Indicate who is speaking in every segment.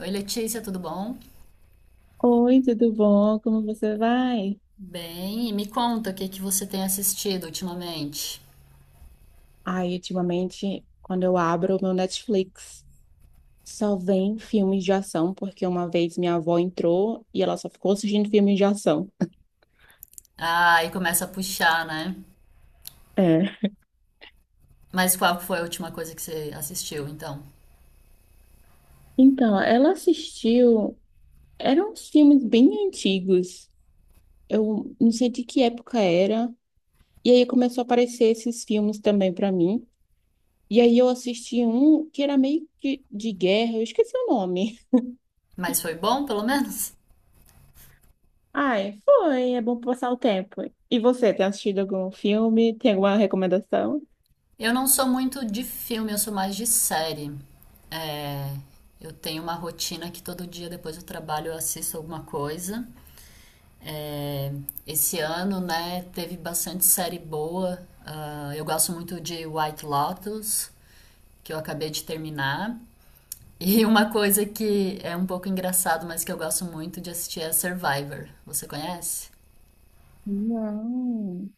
Speaker 1: Oi, Letícia, tudo bom?
Speaker 2: Oi, tudo bom? Como você vai?
Speaker 1: Bem, e me conta o que que você tem assistido ultimamente.
Speaker 2: Ai, ultimamente, quando eu abro o meu Netflix, só vem filmes de ação, porque uma vez minha avó entrou e ela só ficou assistindo filmes de ação.
Speaker 1: Ah, e começa a puxar, né?
Speaker 2: É.
Speaker 1: Mas qual foi a última coisa que você assistiu, então?
Speaker 2: Então, ela assistiu, eram uns filmes bem antigos. Eu não sei de que época era. E aí começou a aparecer esses filmes também pra mim. E aí eu assisti um que era meio que de guerra, eu esqueci o nome.
Speaker 1: Mas foi bom, pelo menos?
Speaker 2: Ai, foi. É bom passar o tempo. E você, tem assistido algum filme? Tem alguma recomendação?
Speaker 1: Eu não sou muito de filme, eu sou mais de série. É, eu tenho uma rotina que todo dia depois do trabalho eu assisto alguma coisa. É, esse ano, né, teve bastante série boa. Ah, eu gosto muito de White Lotus, que eu acabei de terminar. E uma coisa que é um pouco engraçado, mas que eu gosto muito de assistir é Survivor. Você conhece?
Speaker 2: Não.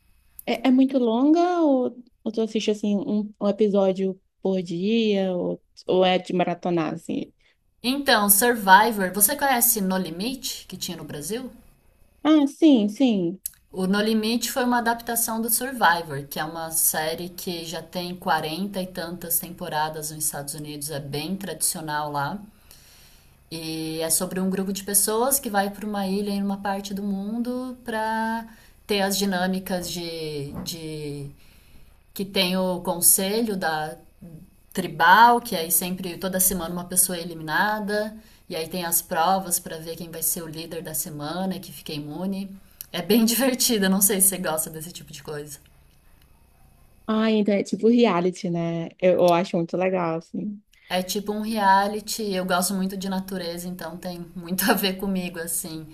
Speaker 2: É, é muito longa ou tu assiste assim um episódio por dia ou é de maratonar assim?
Speaker 1: Então, Survivor, você conhece No Limite, que tinha no Brasil?
Speaker 2: Ah, sim, sim.
Speaker 1: O No Limite foi uma adaptação do Survivor, que é uma série que já tem 40 e tantas temporadas nos Estados Unidos, é bem tradicional lá. E é sobre um grupo de pessoas que vai para uma ilha em uma parte do mundo para ter as dinâmicas de que tem o conselho da tribal, que aí sempre, toda semana, uma pessoa é eliminada. E aí tem as provas para ver quem vai ser o líder da semana e que fica imune. É bem divertida, não sei se você gosta desse tipo de coisa.
Speaker 2: Ah, então é tipo reality, né? Eu acho muito legal assim.
Speaker 1: É tipo um reality, eu gosto muito de natureza, então tem muito a ver comigo, assim.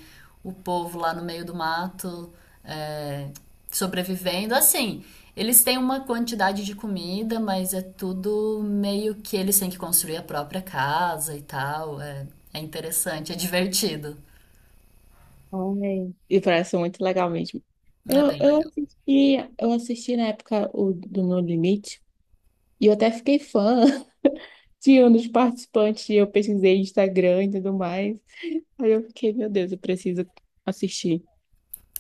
Speaker 1: O povo lá no meio do mato, é, sobrevivendo. Assim, eles têm uma quantidade de comida, mas é tudo meio que eles têm que construir a própria casa e tal. É, é interessante, é divertido.
Speaker 2: Ai. E parece muito legal mesmo.
Speaker 1: É
Speaker 2: Eu,
Speaker 1: bem
Speaker 2: eu
Speaker 1: legal.
Speaker 2: assisti, eu assisti na época o do No Limite e eu até fiquei fã de um dos participantes, e eu pesquisei Instagram e tudo mais. Aí eu fiquei, meu Deus, eu preciso assistir.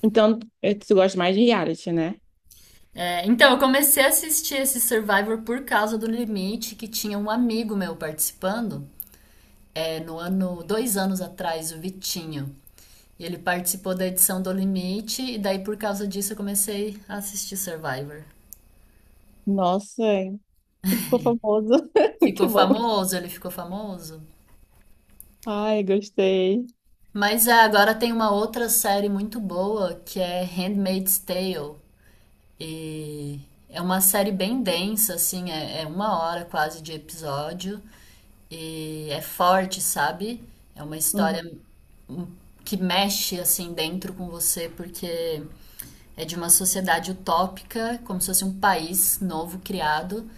Speaker 2: Então, tu gosta mais de reality, né?
Speaker 1: É, então, eu comecei a assistir esse Survivor por causa do Limite, que tinha um amigo meu participando. No ano, 2 anos atrás, o Vitinho. E ele participou da edição do Limite, e daí por causa disso eu comecei a assistir Survivor.
Speaker 2: Nossa, ele ficou famoso. Muito
Speaker 1: Ficou
Speaker 2: bom.
Speaker 1: famoso, ele ficou famoso.
Speaker 2: Ai, gostei.
Speaker 1: Mas agora tem uma outra série muito boa que é Handmaid's Tale. E é uma série bem densa, assim, é uma hora quase de episódio. E é forte, sabe? É uma história
Speaker 2: Uhum.
Speaker 1: hum, que mexe assim dentro com você, porque é de uma sociedade utópica, como se fosse um país novo criado.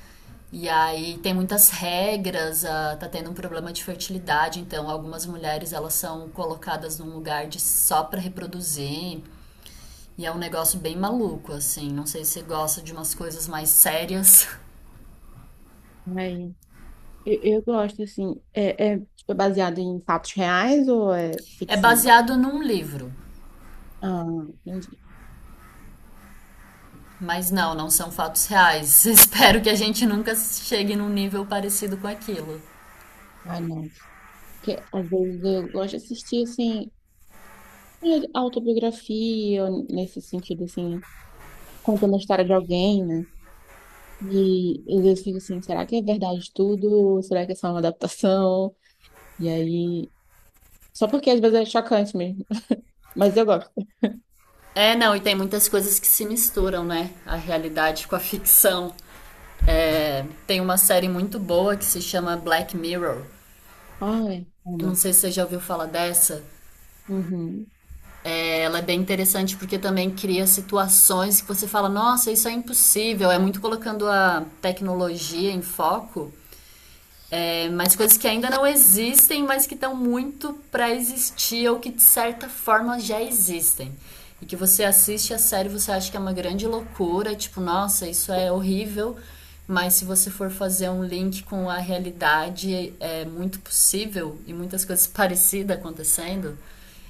Speaker 1: E aí tem muitas regras, ah, tá tendo um problema de fertilidade, então algumas mulheres elas são colocadas num lugar de só para reproduzir. E é um negócio bem maluco, assim. Não sei se você gosta de umas coisas mais sérias.
Speaker 2: Aí, eu gosto, assim, é, é tipo, baseado em fatos reais ou é
Speaker 1: É
Speaker 2: ficção?
Speaker 1: baseado num livro,
Speaker 2: Ah, entendi.
Speaker 1: mas não, não são fatos reais. Espero que a gente nunca chegue num nível parecido com aquilo.
Speaker 2: Ai, não. Porque às vezes eu gosto de assistir, assim, autobiografia, nesse sentido, assim, contando a história de alguém, né? E às vezes eu fico assim, será que é verdade tudo? Será que é só uma adaptação? E aí. Só porque às vezes é chocante mesmo. Mas eu gosto.
Speaker 1: É, não, e tem muitas coisas que se misturam, né? A realidade com a ficção. É, tem uma série muito boa que se chama Black Mirror.
Speaker 2: Ai,
Speaker 1: Eu não
Speaker 2: amo.
Speaker 1: sei se você já ouviu falar dessa.
Speaker 2: Uhum.
Speaker 1: É, ela é bem interessante porque também cria situações que você fala, nossa, isso é impossível. É muito colocando a tecnologia em foco. É, mas coisas que ainda não existem, mas que estão muito para existir ou que de certa forma já existem. E que você assiste a série, você acha que é uma grande loucura, tipo, nossa, isso é horrível, mas se você for fazer um link com a realidade, é muito possível e muitas coisas parecidas acontecendo.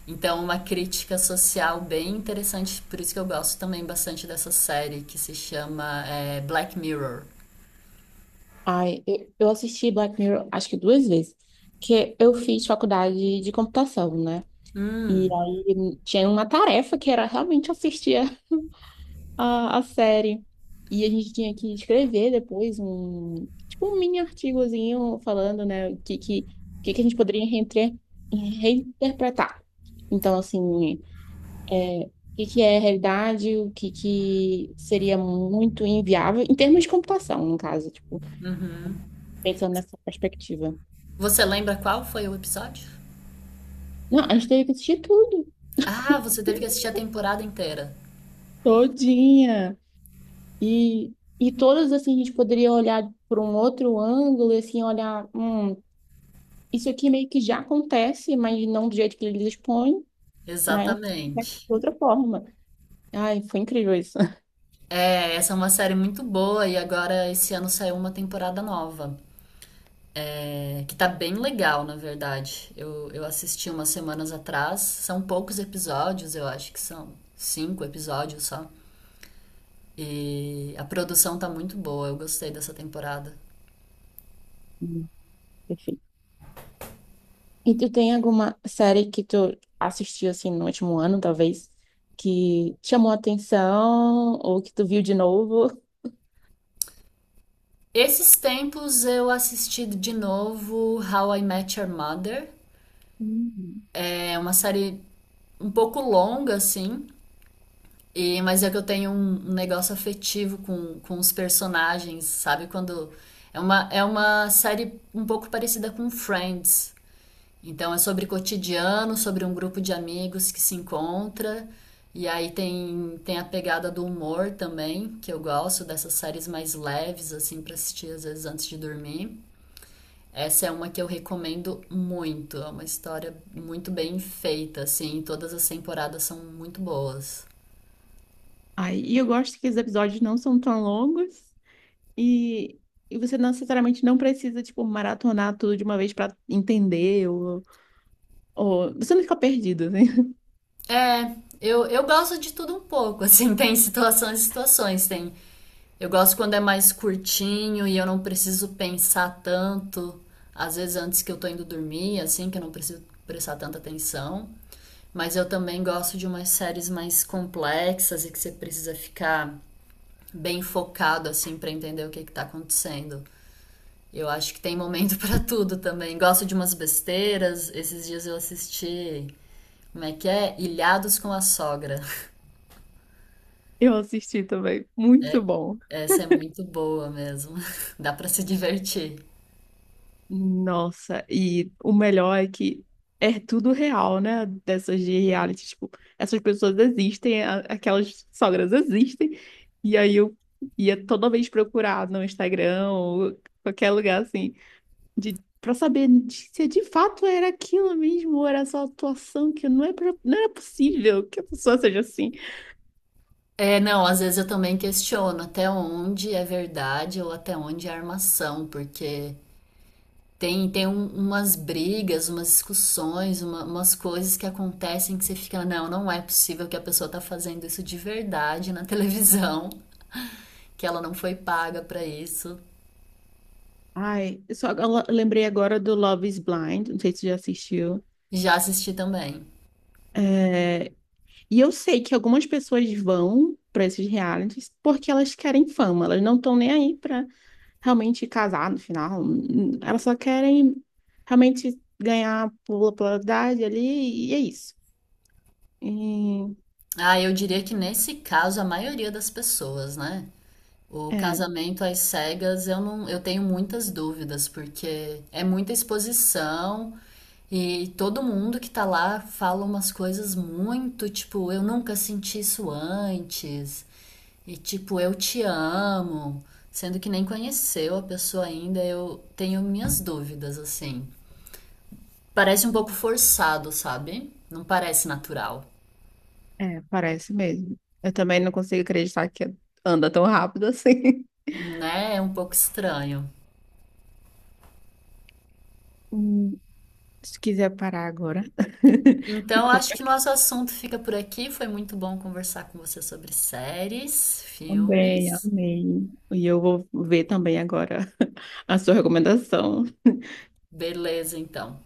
Speaker 1: Então, uma crítica social bem interessante, por isso que eu gosto também bastante dessa série, que se chama Black Mirror.
Speaker 2: Ai, eu assisti Black Mirror acho que duas vezes. Porque eu fiz faculdade de computação, né? E aí tinha uma tarefa que era realmente assistir a série. E a gente tinha que escrever depois um, tipo, um mini artigozinho falando, né, o que que a gente poderia reinterpretar. Então, assim, é, o que que é realidade, o que que seria muito inviável, em termos de computação, no caso, tipo, pensando nessa perspectiva.
Speaker 1: Você lembra qual foi o episódio?
Speaker 2: Não, a gente teve que assistir tudo,
Speaker 1: Ah, você teve que assistir a temporada inteira.
Speaker 2: todinha. E, e todas, assim, a gente poderia olhar por um outro ângulo, e, assim, olhar, isso aqui meio que já acontece, mas não do jeito que eles expõem, mas é de
Speaker 1: Exatamente.
Speaker 2: outra forma. Ai, foi incrível isso.
Speaker 1: É, essa é uma série muito boa e agora esse ano saiu uma temporada nova, que tá bem legal, na verdade. Eu assisti umas semanas atrás, são poucos episódios, eu acho que são 5 episódios só. E a produção tá muito boa, eu gostei dessa temporada.
Speaker 2: Hum. Perfeito. E tu tem alguma série que tu assistiu assim no último ano, talvez, que te chamou a atenção ou que tu viu de novo?
Speaker 1: Esses tempos eu assisti de novo How I Met Your Mother.
Speaker 2: Hum.
Speaker 1: É uma série um pouco longa, assim, mas é que eu tenho um negócio afetivo com os personagens, sabe? Quando. É uma série um pouco parecida com Friends. Então é sobre cotidiano, sobre um grupo de amigos que se encontra. E aí tem a pegada do humor também, que eu gosto dessas séries mais leves, assim, pra assistir às vezes antes de dormir. Essa é uma que eu recomendo muito. É uma história muito bem feita, assim. Todas as temporadas são muito boas.
Speaker 2: Ai, e eu gosto que os episódios não são tão longos e, e você não necessariamente não precisa, tipo, maratonar tudo de uma vez pra entender ou... você não fica perdido, né?
Speaker 1: É, eu gosto de tudo um pouco, assim, tem situações e situações, tem. Eu gosto quando é mais curtinho e eu não preciso pensar tanto, às vezes antes que eu tô indo dormir, assim, que eu não preciso prestar tanta atenção. Mas eu também gosto de umas séries mais complexas e que você precisa ficar bem focado, assim, pra entender o que que tá acontecendo. Eu acho que tem momento pra tudo também. Gosto de umas besteiras. Esses dias eu assisti, como é que é? Ilhados com a Sogra.
Speaker 2: Eu assisti também, muito bom.
Speaker 1: Essa é muito boa mesmo. Dá pra se divertir.
Speaker 2: Nossa, e o melhor é que é tudo real, né? Dessas de reality, tipo, essas pessoas existem, aquelas sogras existem, e aí eu ia toda vez procurar no Instagram ou qualquer lugar assim, de, pra saber se de fato era aquilo mesmo, ou era só atuação, que não é, não era possível que a pessoa seja assim.
Speaker 1: É, não, às vezes eu também questiono até onde é verdade ou até onde é armação, porque tem umas brigas, umas discussões, umas coisas que acontecem que você fica, não, não é possível que a pessoa tá fazendo isso de verdade na televisão, que ela não foi paga pra isso.
Speaker 2: Ai, eu lembrei agora do Love is Blind, não sei se você já assistiu.
Speaker 1: Já assisti também.
Speaker 2: E eu sei que algumas pessoas vão para esses realities porque elas querem fama, elas não estão nem aí para realmente casar no final, elas só querem realmente ganhar popularidade ali e é isso. E,
Speaker 1: Ah, eu diria que nesse caso a maioria das pessoas, né? O
Speaker 2: é,
Speaker 1: casamento às cegas, eu não, eu tenho muitas dúvidas, porque é muita exposição e todo mundo que tá lá fala umas coisas muito, tipo, eu nunca senti isso antes. E tipo, eu te amo, sendo que nem conheceu a pessoa ainda, eu tenho minhas dúvidas assim. Parece um pouco forçado, sabe? Não parece natural,
Speaker 2: parece mesmo. Eu também não consigo acreditar que anda tão rápido assim.
Speaker 1: né? É um pouco estranho.
Speaker 2: Hum. Se quiser parar agora,
Speaker 1: Então,
Speaker 2: ficou
Speaker 1: acho que nosso assunto fica por aqui. Foi muito bom conversar com você sobre séries,
Speaker 2: bem,
Speaker 1: filmes.
Speaker 2: amei. E eu vou ver também agora a sua recomendação.
Speaker 1: Beleza, então.